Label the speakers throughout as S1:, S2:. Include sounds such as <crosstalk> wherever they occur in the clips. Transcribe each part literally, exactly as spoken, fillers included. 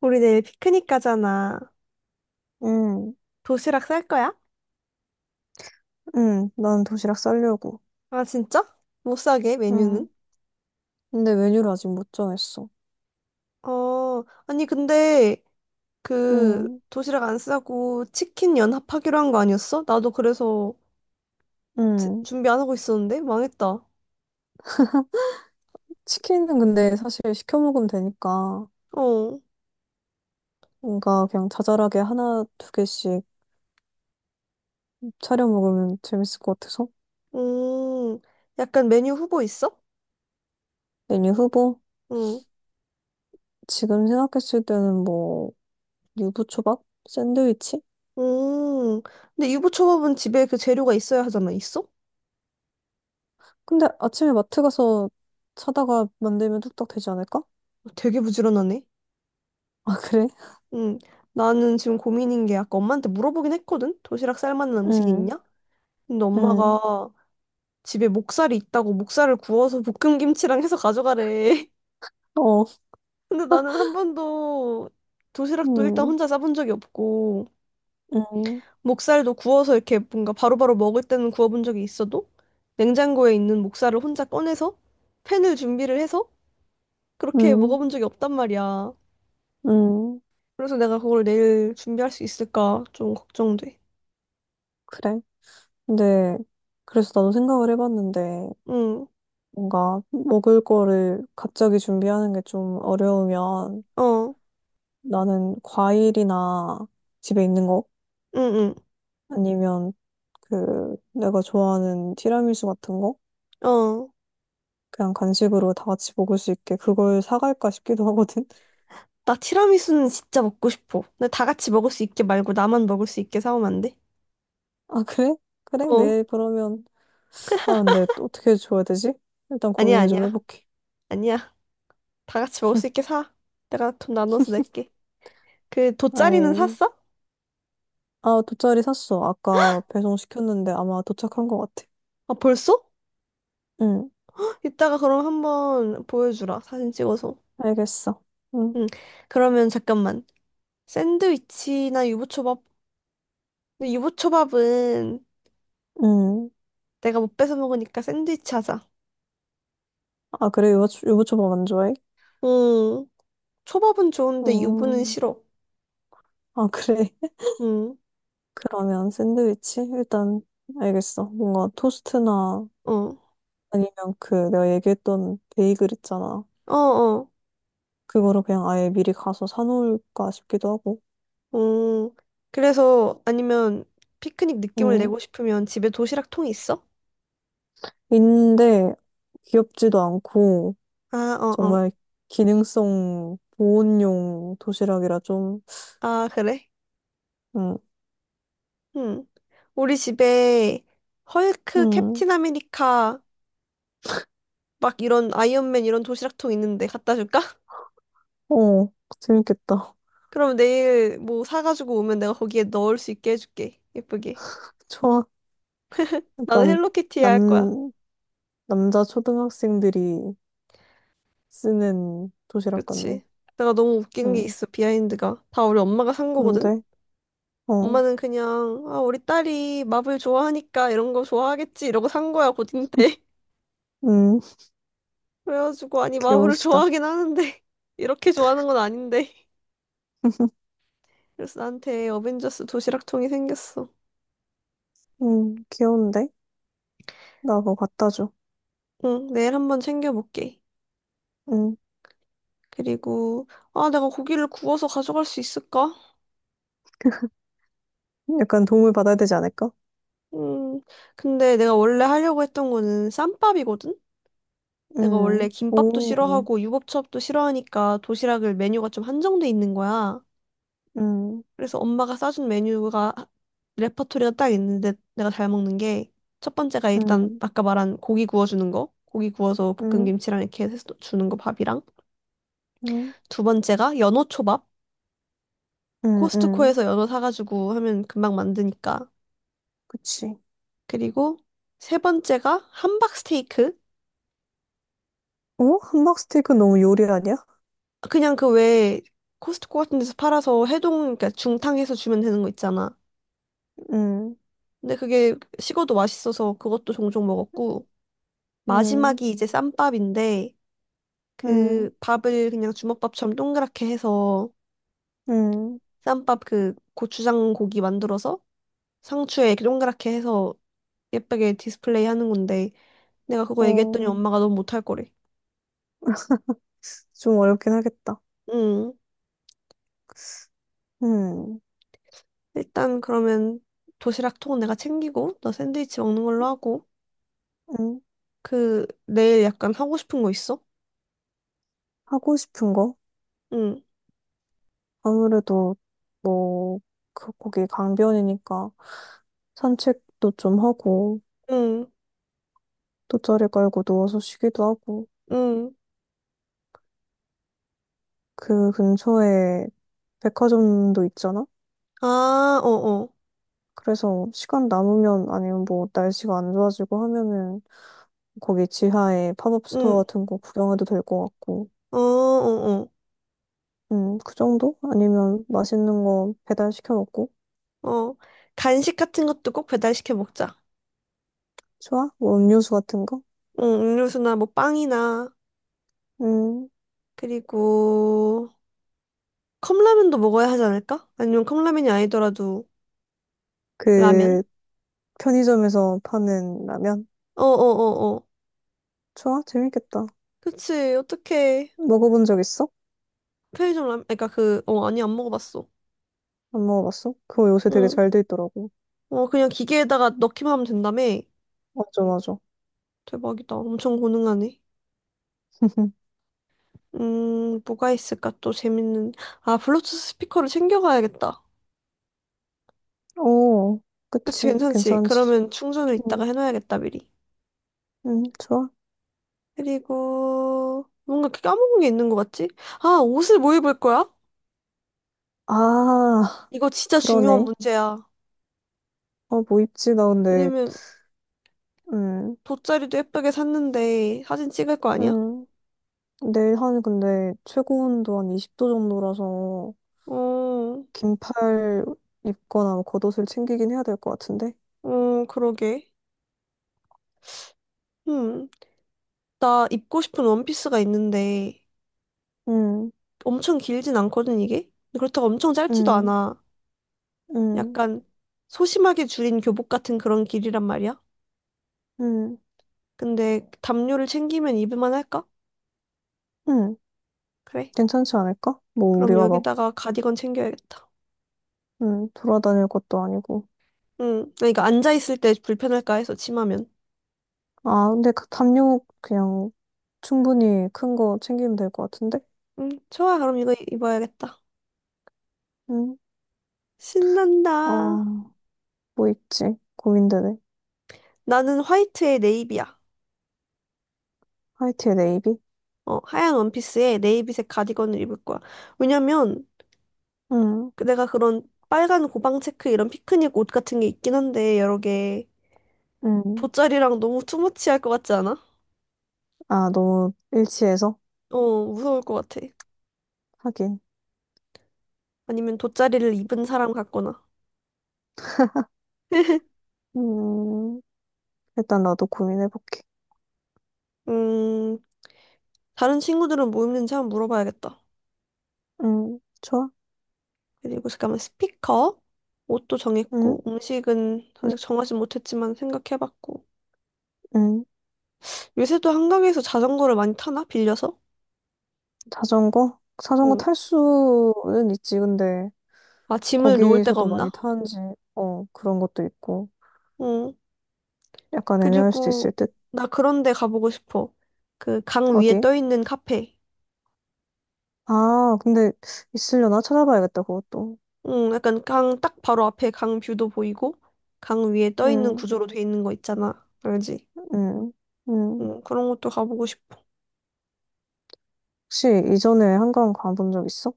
S1: 우리 내일 피크닉 가잖아.
S2: 응,
S1: 도시락 쌀 거야?
S2: 응, 난 도시락 싸려고.
S1: 아, 진짜? 못 사게, 메뉴는?
S2: 응. 근데 메뉴를 아직 못 정했어.
S1: 어, 아니, 근데, 그,
S2: 응,
S1: 도시락 안 싸고 치킨 연합하기로 한 거 아니었어? 나도 그래서 제-
S2: 응.
S1: 준비 안 하고 있었는데? 망했다.
S2: 치킨은 근데 사실 시켜 먹으면 되니까
S1: 어,
S2: 뭔가 그냥 자잘하게 하나, 두 개씩 차려 먹으면 재밌을 것 같아서.
S1: 음, 약간 메뉴 후보 있어?
S2: 메뉴 후보?
S1: 응,
S2: 지금 생각했을 때는 뭐, 유부초밥? 샌드위치?
S1: 음. 근데 유부초밥은 집에 그 재료가 있어야 하잖아. 있어? 어,
S2: 근데 아침에 마트 가서 사다가 만들면 뚝딱 되지 않을까? <laughs>
S1: 되게 부지런하네.
S2: 아, 그래?
S1: 응, 나는 지금 고민인 게 아까 엄마한테 물어보긴 했거든? 도시락 쌀 만한 음식이
S2: 응,
S1: 있냐? 근데
S2: 응.
S1: 엄마가 집에 목살이 있다고 목살을 구워서 볶음김치랑 해서 가져가래. <laughs>
S2: 어,
S1: 근데 나는 한 번도 도시락도 일단
S2: 응,
S1: 혼자 싸본 적이 없고,
S2: 응,
S1: 목살도 구워서 이렇게 뭔가 바로바로 먹을 때는 구워본 적이 있어도, 냉장고에 있는 목살을 혼자 꺼내서 팬을 준비를 해서 그렇게
S2: 응,
S1: 먹어본 적이 없단 말이야.
S2: 응.
S1: 그래서 내가 그걸 내일 준비할 수 있을까 좀 걱정돼.
S2: 그래. 근데 그래서 나도 생각을 해봤는데
S1: 응,
S2: 뭔가 먹을 거를 갑자기 준비하는 게 좀 어려우면
S1: 어,
S2: 나는 과일이나 집에 있는 거
S1: 응,
S2: 아니면 그 내가 좋아하는 티라미수 같은 거
S1: 응, 어.
S2: 그냥 간식으로 다 같이 먹을 수 있게 그걸 사갈까 싶기도 하거든. <laughs>
S1: 나 티라미수는 진짜 먹고 싶어. 근데 다 같이 먹을 수 있게 말고 나만 먹을 수 있게 사오면 안 돼?
S2: 아 그래? 그래?
S1: 어.
S2: 내일 그러면 아 근데 또 어떻게 줘야 되지? 일단
S1: 아니야,
S2: 고민을 좀
S1: 아니야,
S2: 해볼게.
S1: 아니야. 다 같이 먹을 수 있게 사. 내가 돈 나눠서 낼게. 그 돗자리는
S2: 아이
S1: 샀어?
S2: 아 돗자리 샀어. 아까 배송 시켰는데 아마 도착한 것 같아.
S1: 아, 벌써?
S2: 응.
S1: 헉, 이따가 그럼 한번 보여주라. 사진 찍어서.
S2: 알겠어. 응,
S1: 응. 그러면 잠깐만. 샌드위치나 유부초밥. 근데 유부초밥은
S2: 응.
S1: 내가 못 뺏어 먹으니까 샌드위치 하자.
S2: 아, 그래, 유부, 유부초밥 안 좋아해?
S1: 응. 초밥은 좋은데 유부는
S2: 음,
S1: 싫어.
S2: 아, 그래. <laughs>
S1: 응.
S2: 그러면 샌드위치? 일단, 알겠어. 뭔가 토스트나
S1: 어.
S2: 아니면 그 내가 얘기했던 베이글 있잖아.
S1: 어, 어.
S2: 그거를 그냥 아예 미리 가서 사놓을까 싶기도 하고.
S1: 응. 그래서 아니면 피크닉 느낌을
S2: 음,
S1: 내고 싶으면 집에 도시락 통이 있어?
S2: 있는데 귀엽지도 않고
S1: 아, 어, 어.
S2: 정말 기능성 보온용 도시락이라 좀,
S1: 아, 그래?
S2: 음,
S1: 응. 우리 집에 헐크,
S2: 음,
S1: 캡틴 아메리카 막 이런 아이언맨 이런 도시락통 있는데 갖다 줄까? <laughs>
S2: 어, 재밌겠다.
S1: 그럼 내일 뭐 사가지고 오면 내가 거기에 넣을 수 있게 해줄게. 예쁘게.
S2: <laughs> 좋아.
S1: 나는
S2: 약간
S1: 헬로키티 할 거야.
S2: 남, 남자 초등학생들이 쓰는 도시락 같네.
S1: 그치? 내가 너무 웃긴 게
S2: 음,
S1: 있어, 비하인드가. 다 우리 엄마가 산 거거든?
S2: 근데, 어,
S1: 엄마는 그냥, 아, 우리 딸이 마블 좋아하니까 이런 거 좋아하겠지. 이러고 산 거야, 고딩
S2: <laughs>
S1: 때.
S2: 음,
S1: <laughs> 그래가지고, 아니, 마블을
S2: 귀여우시다.
S1: 좋아하긴 하는데, <laughs> 이렇게 좋아하는 건 아닌데. 그래서 나한테 어벤져스 도시락통이 생겼어.
S2: 음, 귀여운데? 나 그거 갖다 줘.
S1: 응, 내일 한번 챙겨볼게.
S2: 음,
S1: 그리고, 아, 내가 고기를 구워서 가져갈 수 있을까?
S2: 약간 도움을 받아야 되지 않을까?
S1: 음, 근데 내가 원래 하려고 했던 거는 쌈밥이거든? 내가 원래
S2: 음,
S1: 김밥도
S2: 오,
S1: 싫어하고 유부초밥도 싫어하니까 도시락을 메뉴가 좀 한정돼 있는 거야.
S2: 음,
S1: 그래서 엄마가 싸준 메뉴가 레퍼토리가 딱 있는데 내가 잘 먹는 게 첫 번째가 일단
S2: 음,
S1: 아까 말한 고기 구워주는 거. 고기 구워서
S2: 음,
S1: 볶음김치랑 이렇게 해서 주는 거 밥이랑.
S2: 음,
S1: 두 번째가 연어 초밥.
S2: 음, 음,
S1: 코스트코에서 연어 사가지고 하면 금방 만드니까.
S2: 그치.
S1: 그리고 세 번째가 함박 스테이크.
S2: 어? 함박 스테이크 너무 요리 아니야?
S1: 그냥 그 왜 코스트코 같은 데서 팔아서 해동, 그러니까 중탕해서 주면 되는 거 있잖아.
S2: 음,
S1: 근데 그게 식어도 맛있어서 그것도 종종 먹었고,
S2: 음,
S1: 마지막이 이제 쌈밥인데,
S2: 음,
S1: 그 밥을 그냥 주먹밥처럼 동그랗게 해서,
S2: 음,
S1: 쌈밥 그 고추장 고기 만들어서 상추에 이렇게 동그랗게 해서 예쁘게 디스플레이 하는 건데, 내가 그거
S2: 어,
S1: 얘기했더니 엄마가 너무 못할 거래.
S2: 좀 어렵긴 하겠다.
S1: 응.
S2: 음,
S1: 일단 그러면 도시락 통은 내가 챙기고 너 샌드위치 먹는 걸로 하고
S2: 음,
S1: 그 내일 약간 하고 싶은 거 있어?
S2: 하고 싶은 거?
S1: 응,
S2: 아무래도 뭐, 그 거기 강변이니까 산책도 좀 하고,
S1: 응,
S2: 돗자리 깔고 누워서 쉬기도 하고,
S1: 응.
S2: 그 근처에 백화점도 있잖아?
S1: 아, 어어,
S2: 그래서 시간 남으면 아니면 뭐 날씨가 안 좋아지고 하면은 거기 지하에 팝업 스토어
S1: 응,
S2: 같은 거 구경해도 될 것 같고,
S1: 어어어,
S2: 음, 그 정도? 아니면 맛있는 거 배달 시켜 먹고,
S1: 어. 어. 어. 간식 같은 것도 꼭 배달시켜 먹자.
S2: 좋아? 뭐 음료수 같은 거?
S1: 응, 음료수나 뭐 빵이나
S2: 음,
S1: 그리고 컵라면도 먹어야 하지 않을까? 아니면 컵라면이 아니더라도 라면?
S2: 그 편의점에서 파는 라면?
S1: 어어어어.
S2: 좋아? 재밌겠다.
S1: 그치, 어떡해.
S2: 먹어본 적 있어?
S1: 편의점 라면, 그니까 그, 어, 아니, 안 먹어봤어.
S2: 안 먹어봤어? 그거 요새 되게
S1: 응
S2: 잘 돼 있더라고.
S1: 어, 그냥 기계에다가 넣기만 하면 된다며?
S2: 맞아, 맞아.
S1: 대박이다. 엄청 고능하네.
S2: <laughs>
S1: 음, 뭐가 있을까? 또 재밌는. 아, 블루투스 스피커를 챙겨가야겠다.
S2: 오
S1: 그치,
S2: 그치.
S1: 괜찮지?
S2: 괜찮지.
S1: 그러면 충전을
S2: 응,
S1: 이따가 해놔야겠다, 미리.
S2: 응, 좋아.
S1: 그리고, 뭔가 까먹은 게 있는 것 같지? 아, 옷을 뭐 입을 거야?
S2: 아,
S1: 이거 진짜 중요한
S2: 그러네.
S1: 문제야.
S2: 어, 뭐 입지? 나 근데,
S1: 왜냐면,
S2: 음,
S1: 돗자리도 예쁘게 샀는데, 사진 찍을 거 아니야?
S2: 음. 내일 한, 근데, 최고 온도 한 이십 도 정도라서,
S1: 어,
S2: 긴팔 입거나 뭐 겉옷을 챙기긴 해야 될 것 같은데.
S1: 어, 그러게. 음, 나 입고 싶은 원피스가 있는데,
S2: 음,
S1: 엄청 길진 않거든, 이게? 근데 그렇다고 엄청 짧지도
S2: 음,
S1: 않아.
S2: 음,
S1: 약간 소심하게 줄인 교복 같은 그런 길이란 말이야.
S2: 음,
S1: 근데 담요를 챙기면 입을만 할까?
S2: 음.
S1: 그래.
S2: 괜찮지 않을까? 뭐,
S1: 그럼
S2: 우리가 막,
S1: 여기다가 가디건 챙겨야겠다.
S2: 음, 돌아다닐 것도 아니고.
S1: 응. 그러니까 앉아있을 때 불편할까 해서 치마면.
S2: 아, 근데 그 담요 그냥 충분히 큰 거 챙기면 될 것 같은데?
S1: 응, 좋아. 그럼 이거 입어야겠다.
S2: 응.
S1: 신난다.
S2: 어, 뭐 있지? 고민되네.
S1: 나는 화이트에 네이비야.
S2: 화이트에 네이비?
S1: 어, 하얀 원피스에 네이비색 가디건을 입을 거야. 왜냐면
S2: 응,
S1: 그 내가 그런 빨간 고방 체크 이런 피크닉 옷 같은 게 있긴 한데 여러 개
S2: 응.
S1: 돗자리랑 너무 투머치할 것 같지 않아?
S2: 아, 너무 일치해서?
S1: 어, 무서울 것 같아.
S2: 하긴.
S1: 아니면 돗자리를 입은 사람 같거나.
S2: 음, 일단 나도 고민해볼게.
S1: 음, 다른 친구들은 뭐 입는지 한번 물어봐야겠다.
S2: 응, 좋아.
S1: 그리고 잠깐만 스피커, 옷도
S2: 응,
S1: 정했고, 음식은
S2: 응,
S1: 아직 정하지 못했지만 생각해봤고.
S2: 응.
S1: 요새도 한강에서 자전거를 많이 타나? 빌려서?
S2: 자전거? 자전거
S1: 응.
S2: 탈 수는 있지, 근데
S1: 아, 짐을 놓을 데가
S2: 거기서도 많이
S1: 없나?
S2: 타는지, 어, 그런 것도 있고.
S1: 응.
S2: 약간 애매할 수도 있을
S1: 그리고
S2: 듯.
S1: 나 그런 데 가보고 싶어. 그 강 위에
S2: 어디?
S1: 떠 있는 카페.
S2: 아, 근데 있으려나? 찾아봐야겠다, 그것도.
S1: 응, 약간 강 딱 바로 앞에 강 뷰도 보이고 강 위에 떠 있는
S2: 음,
S1: 구조로 돼 있는 거 있잖아. 알지?
S2: 음, 음.
S1: 응, 그런 것도 가보고 싶어.
S2: 혹시 이전에 한강 가본 적 있어?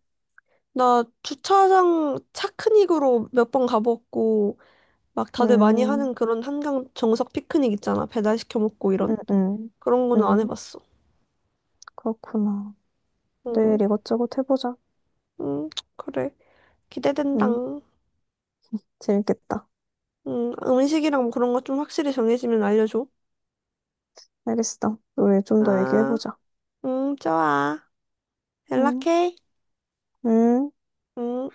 S1: 나 주차장 차크닉으로 몇 번 가봤고 막 다들 많이
S2: 음,
S1: 하는 그런 한강 정석 피크닉 있잖아. 배달 시켜 먹고
S2: 음,
S1: 이런
S2: 음,
S1: 그런 거는 안
S2: 음,
S1: 해봤어.
S2: 그렇구나.
S1: 응,
S2: 내일 이것저것 해보자.
S1: 응, 그래.
S2: 음,
S1: 기대된당.
S2: 재밌겠다.
S1: 응, 음식이랑 뭐 그런 거 좀 확실히 정해지면 알려줘.
S2: 알겠어. 우리 좀 더
S1: 아,
S2: 얘기해보자.
S1: 응, 좋아.
S2: 음,
S1: 연락해.
S2: 음.
S1: 응.